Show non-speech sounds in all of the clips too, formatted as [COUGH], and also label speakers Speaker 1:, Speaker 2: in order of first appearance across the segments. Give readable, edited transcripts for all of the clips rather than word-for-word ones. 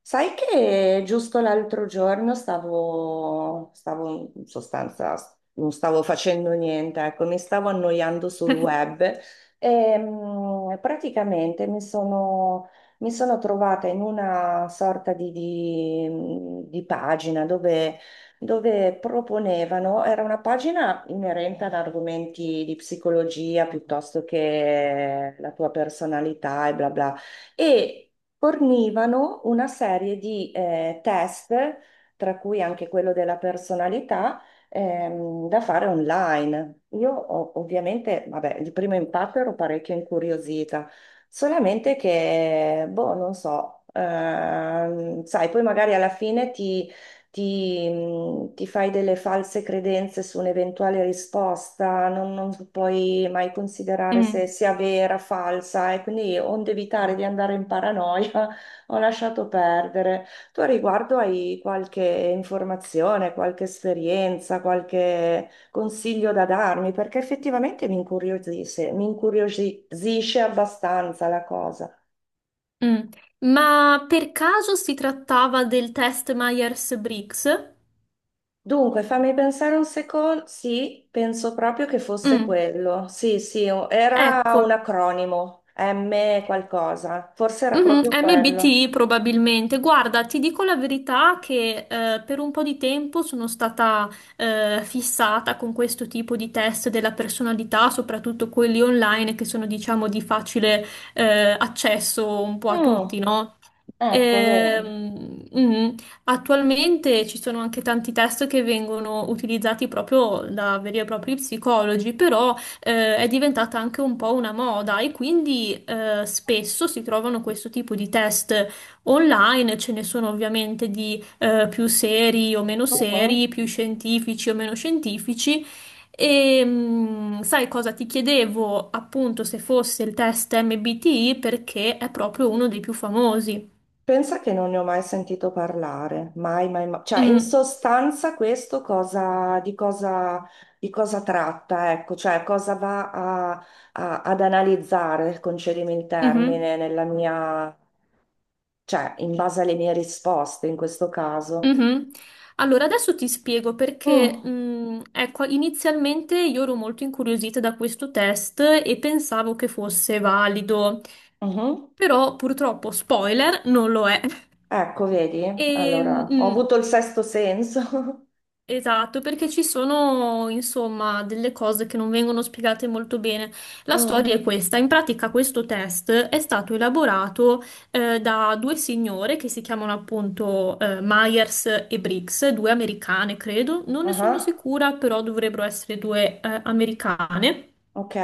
Speaker 1: Sai che giusto l'altro giorno stavo in sostanza, non stavo facendo niente, ecco, mi stavo annoiando sul web e praticamente mi sono trovata in una sorta di di pagina dove proponevano, era una pagina inerente ad argomenti di psicologia piuttosto che la tua personalità e bla bla. E fornivano una serie di test, tra cui anche quello della personalità, da fare online. Ovviamente, vabbè, di primo impatto ero parecchio incuriosita, solamente che, boh, non so, sai, poi magari alla fine ti fai delle false credenze su un'eventuale risposta, non puoi mai considerare se
Speaker 2: Mm,
Speaker 1: sia vera, falsa, e quindi onde evitare di andare in paranoia, [LAUGHS] ho lasciato perdere. Tu a riguardo hai qualche informazione, qualche esperienza, qualche consiglio da darmi? Perché effettivamente mi incuriosisce abbastanza la cosa.
Speaker 2: mm. Ma per caso si trattava del test Myers-Briggs?
Speaker 1: Dunque, fammi pensare un secondo. Sì, penso proprio che fosse
Speaker 2: Mm,
Speaker 1: quello. Sì, sì, era
Speaker 2: ecco,
Speaker 1: un acronimo, M qualcosa. Forse era
Speaker 2: mhm.
Speaker 1: proprio quello.
Speaker 2: MBTI probabilmente. Guarda, ti dico la verità che per un po' di tempo sono stata fissata con questo tipo di test della personalità, soprattutto quelli online che sono, diciamo, di facile accesso un po' a tutti,
Speaker 1: Mm,
Speaker 2: no?
Speaker 1: ecco, vedi.
Speaker 2: Ehm, mm, Attualmente ci sono anche tanti test che vengono utilizzati proprio da veri e propri psicologi, però è diventata anche un po' una moda e quindi spesso si trovano questo tipo di test online, ce ne sono ovviamente di più seri o meno
Speaker 1: Mhm.
Speaker 2: seri, più scientifici o meno scientifici. E sai cosa ti chiedevo appunto se fosse il test MBTI perché è proprio uno dei più famosi.
Speaker 1: Pensa che non ne ho mai sentito parlare, mai, mai, mai. Cioè, in
Speaker 2: Mm,
Speaker 1: sostanza questo di cosa tratta, ecco, cioè cosa va ad analizzare, concedimi il
Speaker 2: mhm,
Speaker 1: termine, nella mia cioè in base alle mie risposte in questo caso.
Speaker 2: mhm. Allora, adesso ti spiego perché,
Speaker 1: Mm,
Speaker 2: ecco, inizialmente io ero molto incuriosita da questo test e pensavo che fosse valido,
Speaker 1: mhm.
Speaker 2: però purtroppo, spoiler, non lo è. [LAUGHS]
Speaker 1: Ecco, vedi?
Speaker 2: E,
Speaker 1: Allora, ho
Speaker 2: mm,
Speaker 1: avuto il sesto senso. [LAUGHS]
Speaker 2: Esatto, perché ci sono, insomma, delle cose che non vengono spiegate molto bene. La storia
Speaker 1: Mm,
Speaker 2: è questa. In pratica questo test è stato elaborato da due signore che si chiamano appunto Myers e Briggs, due americane, credo. Non ne
Speaker 1: aha,
Speaker 2: sono sicura, però dovrebbero essere due americane
Speaker 1: ok,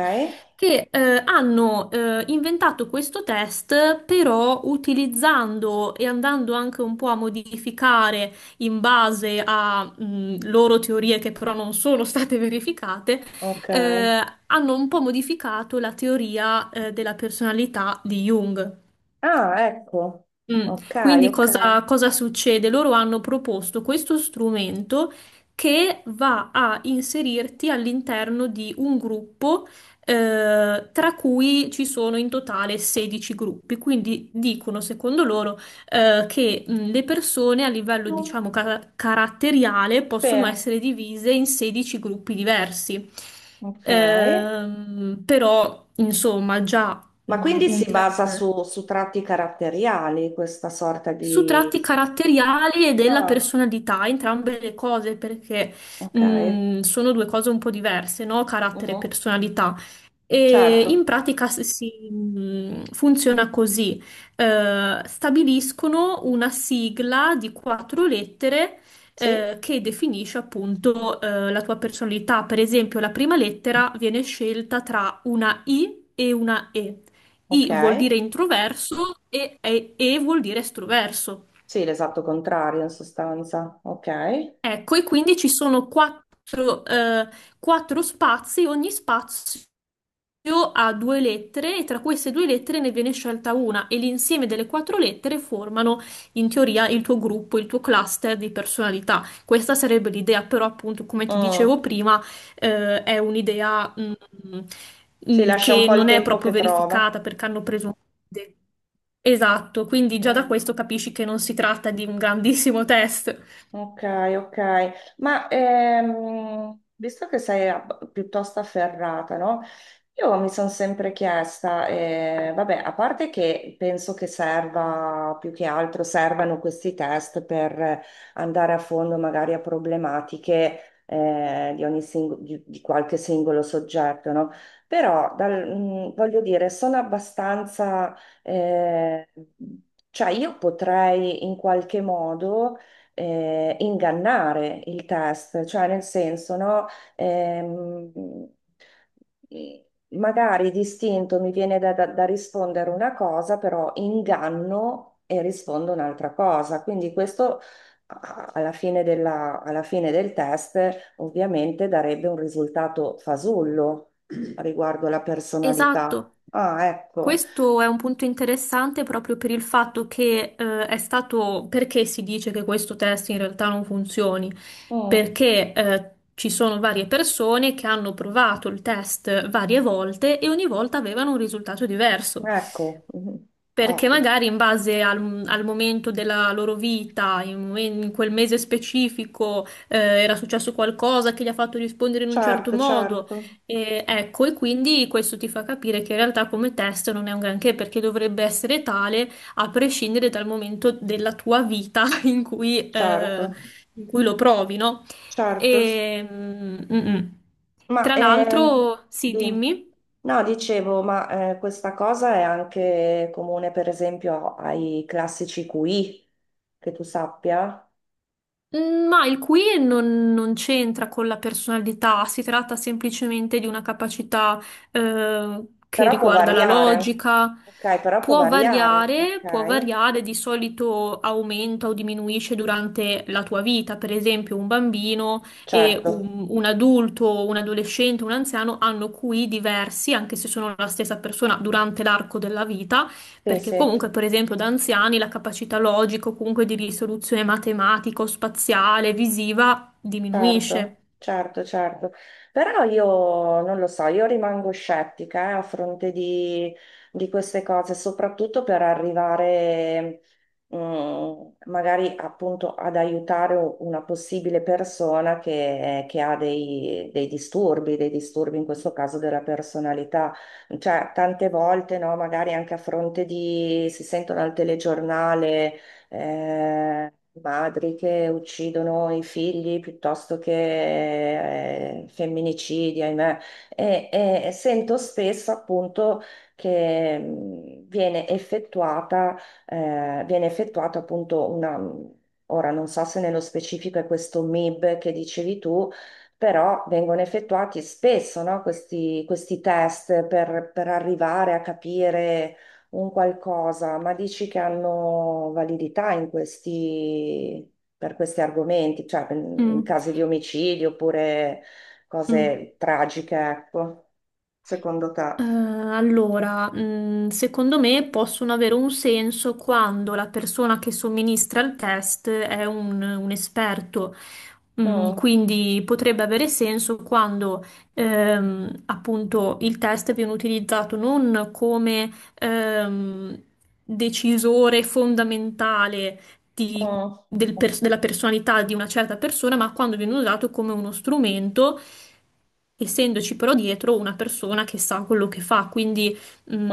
Speaker 2: che hanno inventato questo test, però utilizzando e andando anche un po' a modificare in base a loro teorie che però non sono state verificate,
Speaker 1: ok.
Speaker 2: eh, hanno un po' modificato la teoria della personalità di Jung.
Speaker 1: Ah, ecco. Ok,
Speaker 2: Quindi
Speaker 1: ok.
Speaker 2: cosa succede? Loro hanno proposto questo strumento che va a inserirti all'interno di un gruppo, tra cui ci sono in totale 16 gruppi. Quindi dicono, secondo loro, che le persone a livello,
Speaker 1: Mm,
Speaker 2: diciamo, caratteriale
Speaker 1: sì,
Speaker 2: possono essere divise in 16 gruppi diversi.
Speaker 1: ok.
Speaker 2: Però, insomma, già
Speaker 1: Ma quindi
Speaker 2: un
Speaker 1: si basa
Speaker 2: terzo
Speaker 1: su tratti caratteriali questa sorta
Speaker 2: su tratti
Speaker 1: di...
Speaker 2: caratteriali e della
Speaker 1: Ah,
Speaker 2: personalità, entrambe le cose, perché
Speaker 1: ok.
Speaker 2: sono due cose un po' diverse, no? Carattere e
Speaker 1: Mhm.
Speaker 2: personalità. E
Speaker 1: Certo,
Speaker 2: in pratica si, funziona così: stabiliscono una sigla di quattro lettere.
Speaker 1: sì,
Speaker 2: Che definisce appunto la tua personalità. Per esempio, la prima lettera viene scelta tra una I e una E.
Speaker 1: ok.
Speaker 2: I vuol dire introverso e vuol dire estroverso.
Speaker 1: Sì, l'esatto contrario in sostanza, ok.
Speaker 2: Ecco, e quindi ci sono quattro, quattro spazi, ogni spazio ha due lettere e tra queste due lettere ne viene scelta una e l'insieme delle quattro lettere formano in teoria il tuo gruppo, il tuo cluster di personalità. Questa sarebbe l'idea, però appunto, come ti
Speaker 1: Mm,
Speaker 2: dicevo prima, è un'idea
Speaker 1: si lascia un
Speaker 2: che
Speaker 1: po' il
Speaker 2: non è
Speaker 1: tempo
Speaker 2: proprio
Speaker 1: che trova.
Speaker 2: verificata perché hanno preso un. Esatto, quindi già da
Speaker 1: Mm.
Speaker 2: questo capisci che non si tratta di un grandissimo test.
Speaker 1: Ok, ok, ma visto che sei piuttosto afferrata, no? Io mi sono sempre chiesta, vabbè, a parte che penso che serva più che altro, servano questi test per andare a fondo magari a problematiche di ogni di qualche singolo soggetto, no? Però voglio dire, sono abbastanza, eh, cioè io potrei in qualche modo ingannare il test, cioè nel senso, no? Ehm, magari distinto mi viene da rispondere una cosa, però inganno e rispondo un'altra cosa. Quindi questo alla fine del test ovviamente darebbe un risultato fasullo [CLEARS THROAT] riguardo la personalità.
Speaker 2: Esatto.
Speaker 1: Ah, ecco.
Speaker 2: Questo è un punto interessante proprio per il fatto che è stato perché si dice che questo test in realtà non funzioni?
Speaker 1: Mm,
Speaker 2: Perché ci sono varie persone che hanno provato il test varie volte e ogni volta avevano un risultato diverso.
Speaker 1: ecco, mhm.
Speaker 2: Perché
Speaker 1: Ovvio.
Speaker 2: magari in base al momento della loro vita, in quel mese specifico, era successo qualcosa che li ha fatto rispondere in un certo
Speaker 1: Certo,
Speaker 2: modo.
Speaker 1: certo,
Speaker 2: E, ecco, e quindi questo ti fa capire che in realtà come test non è un granché perché dovrebbe essere tale a prescindere dal momento della tua vita [LAUGHS]
Speaker 1: certo.
Speaker 2: in cui lo provi, no?
Speaker 1: Certo,
Speaker 2: E, mm, mm.
Speaker 1: ma
Speaker 2: Tra l'altro, sì,
Speaker 1: di-
Speaker 2: dimmi.
Speaker 1: no, dicevo, ma questa cosa è anche comune, per esempio, ai classici QI, che tu sappia,
Speaker 2: Ma il qui non c'entra con la personalità, si tratta semplicemente di una capacità che
Speaker 1: però può
Speaker 2: riguarda la
Speaker 1: variare.
Speaker 2: logica.
Speaker 1: Ok, però può variare,
Speaker 2: Può
Speaker 1: ok?
Speaker 2: variare, di solito aumenta o diminuisce durante la tua vita. Per esempio, un bambino e
Speaker 1: Certo,
Speaker 2: un adulto, un adolescente, un anziano hanno QI diversi, anche se sono la stessa persona durante l'arco della vita
Speaker 1: sì,
Speaker 2: perché
Speaker 1: sì.
Speaker 2: comunque, per esempio, da anziani la capacità logica o comunque di risoluzione matematica o spaziale, visiva, diminuisce.
Speaker 1: Certo, certo, certo. Però io non lo so, io rimango scettica, a fronte di queste cose, soprattutto per arrivare, mm, magari appunto ad aiutare una possibile persona che ha dei disturbi in questo caso della personalità. Cioè, tante volte, no, magari anche a fronte di, si sentono al telegiornale eh, madri che uccidono i figli piuttosto che femminicidi, ahimè. E sento spesso appunto che viene effettuata appunto una... Ora non so se nello specifico è questo MIB che dicevi tu, però vengono effettuati spesso, no, questi test per arrivare a capire un qualcosa, ma dici che hanno validità in questi, per questi argomenti, cioè in in
Speaker 2: Mm,
Speaker 1: casi di omicidi oppure
Speaker 2: mm.
Speaker 1: cose tragiche, ecco, secondo te?
Speaker 2: Allora, secondo me possono avere un senso quando la persona che somministra il test è un esperto.
Speaker 1: Mm,
Speaker 2: Quindi potrebbe avere senso quando appunto il test viene utilizzato non come ehm, decisore fondamentale di- del
Speaker 1: mm,
Speaker 2: pers- della personalità di una certa persona, ma quando viene usato come uno strumento essendoci però dietro una persona che sa quello che fa, quindi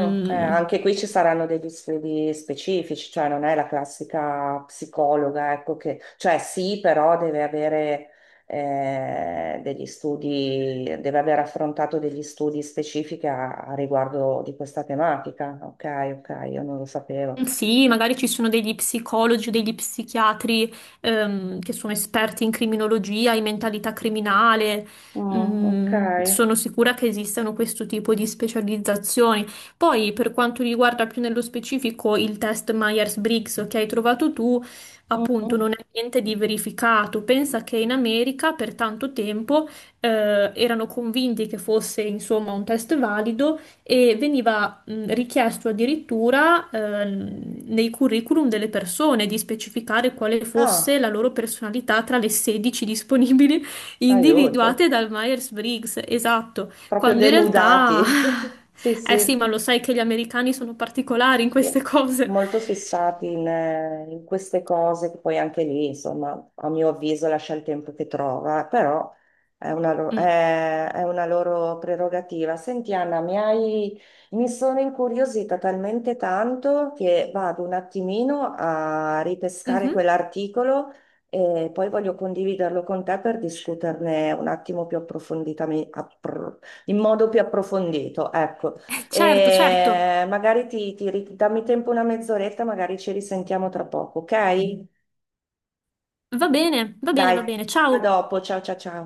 Speaker 1: mm, anche qui ci saranno degli studi specifici, cioè non è la classica psicologa, ecco che, cioè sì, però deve avere degli studi, deve aver affrontato degli studi specifici a riguardo di questa tematica. Ok, ok, io non lo sapevo.
Speaker 2: sì, magari ci sono degli psicologi o degli psichiatri che sono esperti in criminologia, in mentalità criminale.
Speaker 1: Mm, ok.
Speaker 2: Sono sicura che esistano questo tipo di specializzazioni. Poi, per quanto riguarda più nello specifico il test Myers-Briggs che hai trovato tu, appunto,
Speaker 1: Mm.
Speaker 2: non è niente di verificato. Pensa che in America per tanto tempo erano convinti che fosse, insomma, un test valido e veniva richiesto addirittura nei curriculum delle persone di specificare quale fosse
Speaker 1: Ah,
Speaker 2: la loro personalità tra le 16 disponibili [LAUGHS]
Speaker 1: aiuto,
Speaker 2: individuate dal Myers-Briggs, esatto,
Speaker 1: proprio
Speaker 2: quando in realtà. [LAUGHS]
Speaker 1: denudati. [LAUGHS] Sì,
Speaker 2: Eh sì,
Speaker 1: sì.
Speaker 2: ma lo sai che gli americani sono particolari in queste
Speaker 1: Sì.
Speaker 2: cose.
Speaker 1: Molto fissati in, in queste cose, che poi anche lì, insomma, a mio avviso lascia il tempo che trova, però è una,
Speaker 2: Mm.
Speaker 1: è una loro prerogativa. Senti, Anna, mi sono incuriosita talmente tanto che vado un attimino a ripescare
Speaker 2: Mhm.
Speaker 1: quell'articolo e poi voglio condividerlo con te per discuterne un attimo più approfonditamente, in modo più approfondito. Ecco.
Speaker 2: Certo, certo.
Speaker 1: E magari dammi tempo una mezz'oretta, magari ci risentiamo tra poco, ok?
Speaker 2: Va bene, va bene,
Speaker 1: Dai,
Speaker 2: va bene.
Speaker 1: a
Speaker 2: Ciao.
Speaker 1: dopo, ciao ciao ciao.